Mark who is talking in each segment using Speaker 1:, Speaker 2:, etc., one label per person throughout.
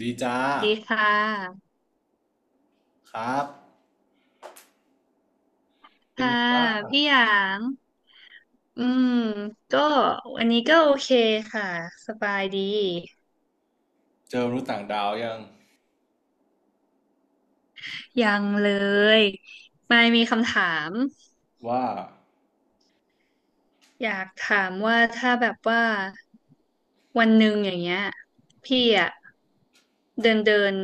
Speaker 1: ดีจ้า
Speaker 2: สวัสดีค่ะ
Speaker 1: ครับเป็น
Speaker 2: ค่ะ
Speaker 1: ไงบ้าง
Speaker 2: พี่หยาง อืมก็วันนี้ก็โอเคค่ะสบายดี
Speaker 1: เจอมนุษย์ต่างดาวยัง
Speaker 2: ยังเลยไม่มีคำถาม
Speaker 1: ว่า
Speaker 2: อยากถามว่าถ้าแบบว่าวันหนึ่งอย่างเงี้ยพี่อะเดินเดิน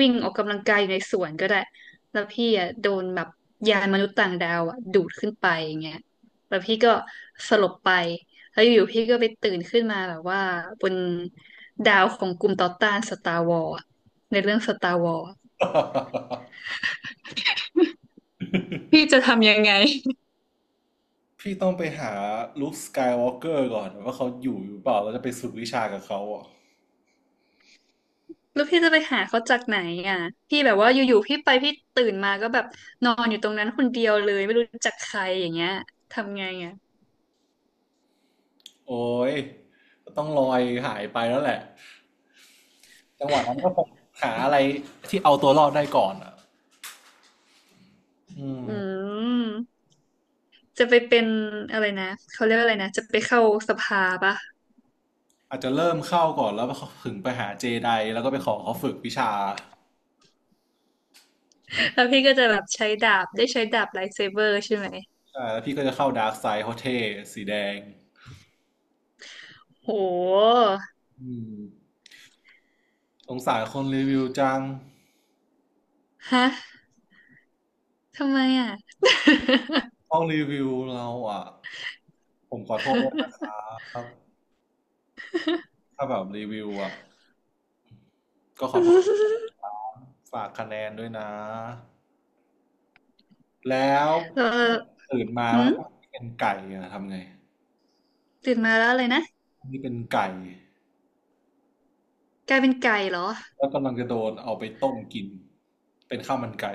Speaker 2: วิ่งออกกำลังกายอยู่ในสวนก็ได้แล้วพี่อะโดนแบบยานมนุษย์ต่างดาวอะดูดขึ้นไปอย่างเงี้ยแล้วพี่ก็สลบไปแล้วอยู่ๆพี่ก็ไปตื่นขึ้นมาแบบว่าบนดาวของกลุ่มต่อต้านสตาร์วอร์ในเรื่องสตาร์วอร์ พี่จะทำยังไง
Speaker 1: พี่ต้องไปหาลุคสกายวอล์กเกอร์ก่อนว่าเขาอยู่หรือเปล่าเราจะไปฝึกวิชากับเขาอ่ะ
Speaker 2: แล้วพี่จะไปหาเขาจากไหนอ่ะ พี่แบบว่าอยู่ๆพี่ไปพี่ตื่นมาก็แบบนอนอยู่ตรงนั้นคนเดียวเลยไม่รู้จักใครอย่างเงี้ยทำไงอ่ะ
Speaker 1: โอ้ยต้องลอยหายไปแล้วแหละจังหวะนั้นก็คงหาอะไรที่เอาตัวรอดได้ก่อนอ่ะอื
Speaker 2: อื
Speaker 1: ม
Speaker 2: มจะไปเป็นอะไรนะเขาเรียกว่าอะไรนะจะไปเข้าสภาปะ
Speaker 1: อาจจะเริ่มเข้าก่อนแล้วก็ถึงไปหาเจไดแล้วก็ไปขอเขาฝึกวิชา
Speaker 2: แล้วพี่ก็จะแบบใช้ดาบได้ใช้ดาบไลท์เซเบอร์ใช่ไหม
Speaker 1: ใช่แล้วพี่ก็จะเข้าดาร์กไซด์เขาเท่สีแดง
Speaker 2: โห
Speaker 1: อืมสงสารคนรีวิวจัง
Speaker 2: ฮะทำไมอ่ะ
Speaker 1: ห้องรีวิวเราอ่ะผมขอโทษด้วยนะครับถ้าแบบรีวิวอ่ะก็ขอโทษ ฝากคะแนนด้วยนะแล้ว
Speaker 2: เออ
Speaker 1: ตื่นมาแล้
Speaker 2: อื
Speaker 1: ว
Speaker 2: ม
Speaker 1: ที่เป็นไก่อะทำไง
Speaker 2: ตื่นมาแล้วอะไรนะ
Speaker 1: นี่เป็นไก่
Speaker 2: กลายเป็นไก่เหรอ
Speaker 1: แล้วกำลังจะโดนเอาไปต้มกินเป็นข้าวมันไก่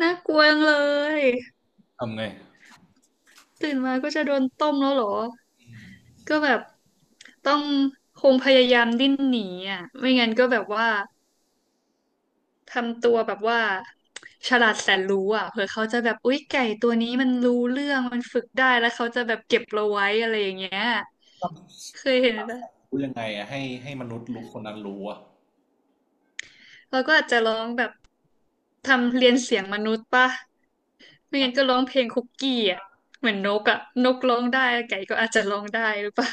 Speaker 2: น่ากลัวจังเลย
Speaker 1: ทำไง
Speaker 2: ตื่นมาก็จะโดนต้มแล้วเหรอ ก็แบบต้องคงพยายามดิ้นหนีอ่ะไม่งั้นก็แบบว่าทำตัวแบบว่าฉลาดแสนรู้อ่ะเผื่อเขาจะแบบอุ๊ยไก่ตัวนี้มันรู้เรื่องมันฝึกได้แล้วเขาจะแบบเก็บเราไว้อะไรอย่างเงี้ยเคยเห็นปะ
Speaker 1: รู้ยังไงอ่ะให้มนุษย์รู้คนนั้นรู้อ่ะ
Speaker 2: เราก็อาจจะร้องแบบทำเรียนเสียงมนุษย์ปะไม่งั้นก็ร้องเพลงคุกกี้อ่ะเหมือนนกอ่ะนกร้องได้ไก่ก็อาจจะร้องได้หรือเปล่า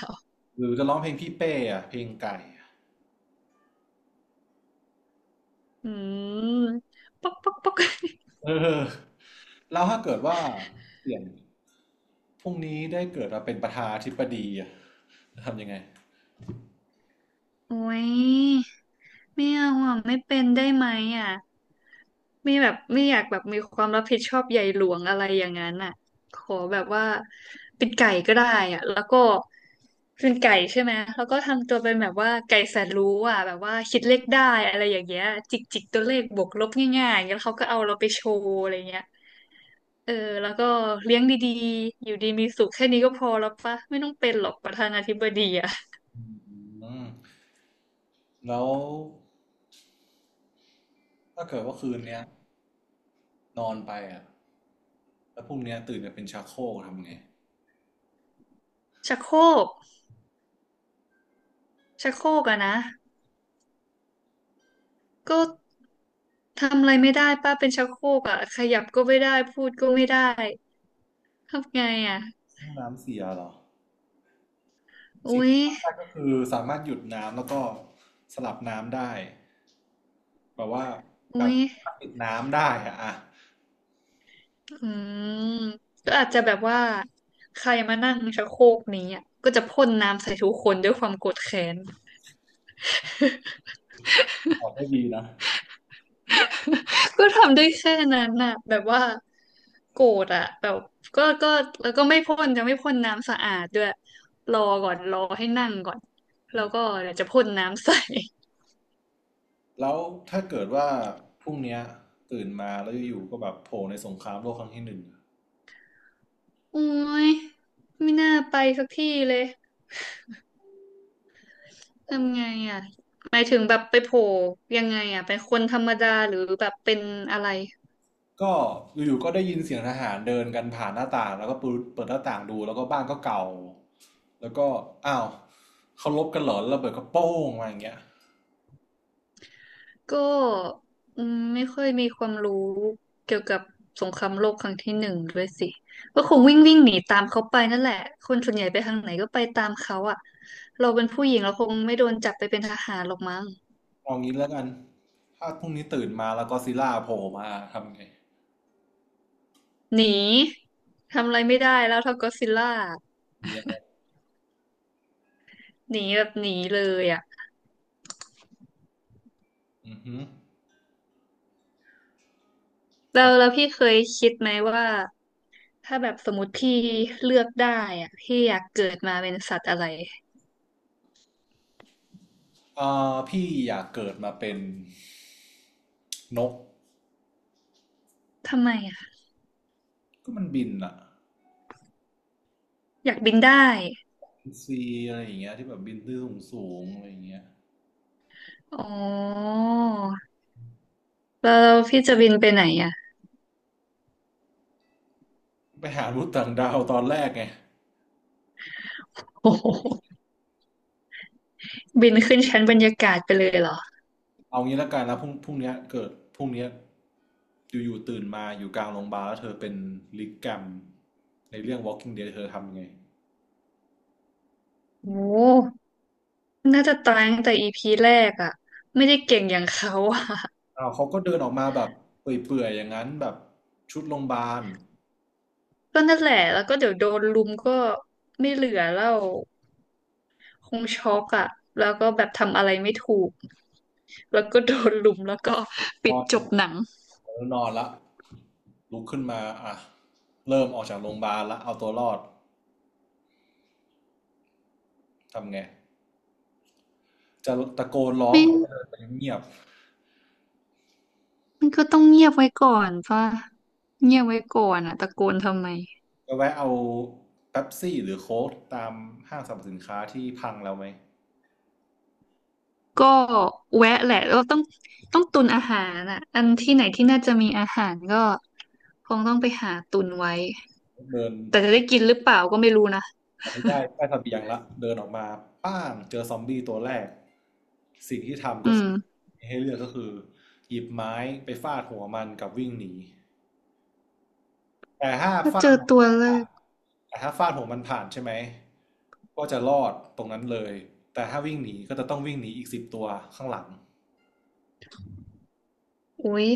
Speaker 1: หรือจะร้องเพลงพี่เป้อ่ะเพลงไก่อะ
Speaker 2: อืมป๊อกป๊อกป๊อก
Speaker 1: เออแล้วถ้าเกิดว่าเปลี่ยนพรุ่งนี้ได้เกิดมาเป็นประธานาธิบดีอ่ะจะทำยังไง
Speaker 2: โอ้ยไม่เอาอ่ะไม่เป็นได้ไหมอ่ะไม่แบบไม่อยากแบบมีความรับผิดชอบใหญ่หลวงอะไรอย่างนั้นอ่ะขอแบบว่าเป็นไก่ก็ได้อ่ะแล้วก็เป็นไก่ใช่ไหมแล้วก็ทำตัวเป็นแบบว่าไก่แสนรู้อ่ะแบบว่าคิดเลขได้อะไรอย่างเงี้ยจิกจิกตัวเลขบวกลบง่ายๆอย่างเงี้ยแล้วเขาก็เอาเราไปโชว์อะไรเงี้ยเออแล้วก็เลี้ยงดีๆอยู่ดีมีสุขแค่นี้ก็พอแล้วปะไม่ต้องเป็นหรอกประธานาธิบดีอ่ะ
Speaker 1: อืมแล้วถ้าเกิดว่าคืนเนี้ยนอนไปอ่ะแล้วพรุ่งเนี้ยตื่นมาเป็นชักโครกทำไง
Speaker 2: ชักโครกชักโครกอะนะก็ ทำอะไรไม่ได้ป้าเป็นชักโครกอ่ะขยับก็ไม่ได้พูดก็ไม่ได้ทำไงอ่ะ
Speaker 1: ห้องน้ำเสียเหรอสิ่ง
Speaker 2: อุ๊ย
Speaker 1: ที่ทำได้ก็คือสามารถหยุดน้ำแล้วก็สลับน้ำได้แบบว่าแบ
Speaker 2: อุ๊
Speaker 1: บ
Speaker 2: ย
Speaker 1: ปิดน้ำได้อะอ่ะ
Speaker 2: อืมก็อาจจะแบบว่าใครมานั่งชักโครกนี้อ่ะก็จะพ่นน้ำใส่ทุกคนด้วยความโกรธแค้น
Speaker 1: ออกก็ดีนะ
Speaker 2: ก็ทำได้แค่นั้นน่ะแบบว่าโกรธอ่ะแบบก็แล้วก็ไม่พ่นจะไม่พ่นน้ำสะอาดด้วยรอก่อนรอให้นั่งก่อน
Speaker 1: อื
Speaker 2: แล้ว
Speaker 1: ม
Speaker 2: ก็เดี๋ยวจะพ่นน้ำใส่
Speaker 1: แล้วถ้าเกิดว่าพรุ่งเนี้ยตื่นมาแล้วอยู่ๆก็แบบโผล่ในสงครามโลกครั้งที่หนึ่ง
Speaker 2: โอ้ยไม่น่าไปสักที่เลย ทำไงอ่ะหมายถึงแบบไปโผล่ยังไงอ่ะเป็นคนธรรมดาหรือแบบเป็นอะไร
Speaker 1: ก็อยู่ๆก็ได้ยินเสียงทหารเดินกันผ่านหน้าต่างแล้วก็เปิดหน้าต่างดูแล้วก็บ้านก็เก่าแล้วก็อ้าวเขาลบกันเหรอแล้วระเบิดก็โป้งมาอย่างเงี้ย
Speaker 2: ก็อืมไม่ค่อยมีความรู้เกี่ยวกับสงครามโลกครั้งที่หนึ่งด้วยสิก็คงวิ่งวิ่งหนีตามเขาไปนั่นแหละคนส่วนใหญ่ไปทางไหนก็ไปตามเขาอ่ะเราเป็นผู้หญิงเราคงไม่โดนจับไปเป็นทหารหรอกมั้ง
Speaker 1: เอางี้แล้วกันถ้าพรุ่งนี้ตื่นมาแล้วก็อดซิลล่าโผล่มาทำไง
Speaker 2: หนีทำอะไรไม่ได้แล้วเท่าก็อดซิลล่า
Speaker 1: เงี้ย
Speaker 2: หนีแบบหนีเลยอ่ะ
Speaker 1: อือฮึค
Speaker 2: แล้
Speaker 1: รั
Speaker 2: วแล้
Speaker 1: บ
Speaker 2: วพี่เคยคิดไหมว่า ถ้าแบบสมมติพี่เลือกได้อะพี่อยากเกิดมาเป็นสัตว์อะไร
Speaker 1: พี่อยากเกิดมาเป็นนก
Speaker 2: ทำไมอะ
Speaker 1: ก็มันบินอะ
Speaker 2: อยากบินได้
Speaker 1: ซีอะไรอย่างเงี้ยที่แบบบินขึ้นสูงๆอะไรอย่างเงี้ย
Speaker 2: อ๋อแล้วพี่จะบินไปไหนอะ
Speaker 1: ไปหามนุษย์ต่างดาวตอนแรกไง
Speaker 2: โอ้โห บินขึ้นชั้นบรรยากาศไปเลยเหรอ
Speaker 1: เอางี้ละกันแล้วพรุ่งเนี้ยเกิดพรุ่งเนี้ยอยู่ๆตื่นมาอยู่กลางโรงพยาบาลแล้วเธอเป็นลิกแกรมในเรื่อง Walking Dead เธอทำยังไง
Speaker 2: โอ้น่าจะตายตั้งแต่EPแรกอะไม่ได้เก่งอย่างเขาอะ
Speaker 1: อ้าวเขาก็เดินออกมาแบบเปื่อยๆอย่างนั้นแบบชุดโรงพยาบาล
Speaker 2: ก็นั่นแหละแล้วก็เดี๋ยวโดนลุมก็ไม่เหลือแล้วคงช็อกอะแล้วก็แบบทำอะไรไม่ถูกแล้วก็โดนลุมแล้วก็
Speaker 1: น
Speaker 2: ปิด
Speaker 1: อน
Speaker 2: จ
Speaker 1: อ
Speaker 2: บ
Speaker 1: ยู่
Speaker 2: หนัง
Speaker 1: แล้วนอนละลุกขึ้นมาอ่ะเริ่มออกจากโรงพยาบาลละเอาตัวรอดทำไงจะตะโกนร้อง
Speaker 2: ไม่
Speaker 1: หรือจะเดินไปเงียบ
Speaker 2: มันก็ต้องเงียบไว้ก่อนป่ะเงียบไว้ก่อนอ่ะตะโกนทำไม
Speaker 1: ๆก็แวะเอาเป๊ปซี่หรือโค้กตามห้างสรรพสินค้าที่พังแล้วไหม
Speaker 2: ก็แวะแหละเราต้องตุนอาหารอ่ะอันที่ไหนที่น่าจะมีอาหารก็คงต้องไปหาตุนไว้
Speaker 1: เดิน
Speaker 2: แต่จะได้กินหรือเปล่าก็ไม่รู้นะ
Speaker 1: น้ได้ได้เสบียงละเดินออกมาป้างเจอซอมบี้ตัวแรก สิ่งที่ทำ
Speaker 2: อื
Speaker 1: ก็
Speaker 2: ม
Speaker 1: คือให้เลือกก็คือหยิบไม้ไปฟาดหัวมันกับวิ่งหนี แต่ถ้า
Speaker 2: ถ้า
Speaker 1: ฟา
Speaker 2: เจ
Speaker 1: ด
Speaker 2: อ
Speaker 1: หัว
Speaker 2: ตัว
Speaker 1: มัน
Speaker 2: แร
Speaker 1: ผ่าน
Speaker 2: ก
Speaker 1: แต่ถ้าฟาดหัวมันผ่านใช่ไหมก็จะรอดตรงนั้นเลย แต่ถ้าวิ่งหนีก็จะต้องวิ่งหนีอีกสิบตัวข้างหลัง
Speaker 2: อุ้ย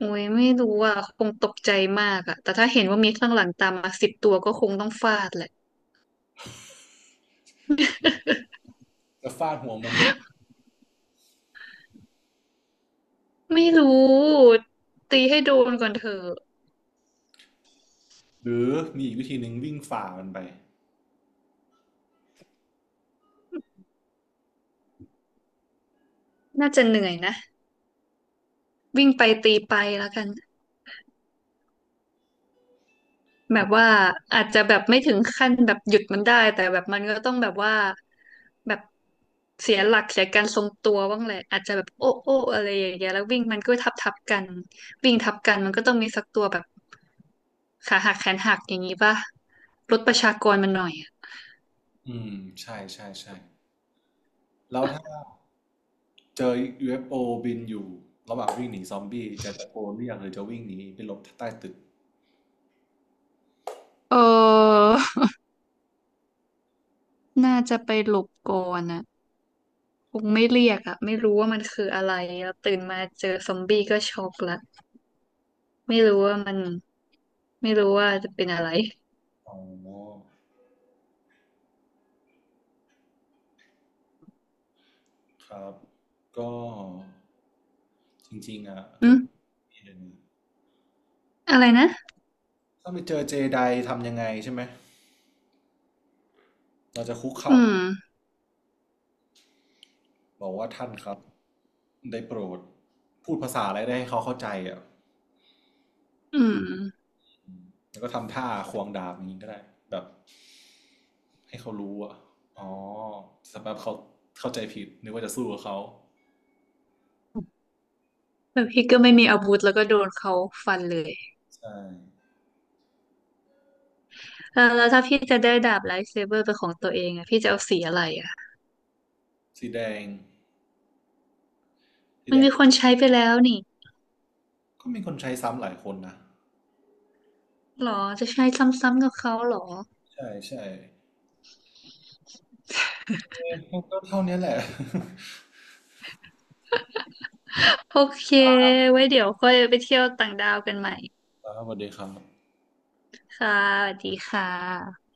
Speaker 2: อุ้ยไม่รู้อ่ะคงตกใจมากอ่ะแต่ถ้าเห็นว่ามีข้างหลังตามมา10 ตัวก็คงต้องฟาดแหละ
Speaker 1: จะฟาดหัวมุม
Speaker 2: ไม่รู้ตีให้โดนก่อนเถอะ
Speaker 1: หรือมีอีกวิธีหนึ่งวิ่งฝ่ามันไป
Speaker 2: น่าจะเหนื่อยนะวิ่งไปตีไปแล้วกัน แบบว่าอาจจะแบบไม่ถึงขั้นแบบหยุดมันได้แต่แบบมันก็ต้องแบบว่าแบบเสียหลักเสียการทรงตัวบ้างแหละอาจจะแบบโอ้โอ้อะไรอย่างเงี้ยแล้ววิ่งมันก็ทับทับกันวิ่งทับกันมันก็ต้องมีสักตัวแบบขาหักแขนหักอย่างงี้ป่ะลดประชากรมันหน่อยอะ
Speaker 1: อืมใช่ใช่ใช่แล้วถ้า เจอ UFO บินอยู่ระหว่างวิ่งหนีซอมบี้ จะตะโกนเรียกหรือจะวิ่งหนีไปหลบใต้ตึก
Speaker 2: เออน่าจะไปหลบก่อนอ่ะคงไม่เรียกอ่ะไม่รู้ว่ามันคืออะไรแล้วตื่นมาเจอซอมบี้ก็ช็อกละไม่รู้ว่ามันไม่รู้ว่าจะเป็นอะไร
Speaker 1: อ๋อ ครับ ก็จริงๆอ่ะเธ
Speaker 2: อื
Speaker 1: อ
Speaker 2: มอะไรนะ
Speaker 1: ถ้าไปเจอเจไดทำยังไงใช่ไหม เราจะคุก
Speaker 2: อื
Speaker 1: เข่า
Speaker 2: ม
Speaker 1: บอกว่าท่านครับได้โปรดพูดภาษาอะไรได้ให้เขาเข้าใจอ่ะ
Speaker 2: อืม
Speaker 1: อืมแล้วก็ทำท่าควงดาบอย่างนี้ก็ได้แบบให้เขารู้อ่ะอ๋อสำหรับเขาเข้าใจผิดนึกว่าจะสู้กับเขา
Speaker 2: แต่พี่ก็ไม่มีอาวุธแล้วก็โดนเขาฟันเลย
Speaker 1: ใช่
Speaker 2: แล้วถ้าพี่จะได้ดาบไลท์เซเบอร์เป็นของตัวเองอะพี่จะเอาสีอะไรอะ
Speaker 1: สีแดง
Speaker 2: มันมีคนใช้ไปแล้วนี่
Speaker 1: ก็มีคนใช้ซ้ำหลายคนนะ
Speaker 2: หรอจะใช้ซ้ำๆกับเขาหรอ
Speaker 1: ใช่ใช่ก็เท่านี้แหละ
Speaker 2: โอเคไว้เดี๋ยวค่อยไปเที่ยวต่างดาวกันใหม่
Speaker 1: ครับสวัสดีครับ
Speaker 2: ค่ะสวัสดีค่ะ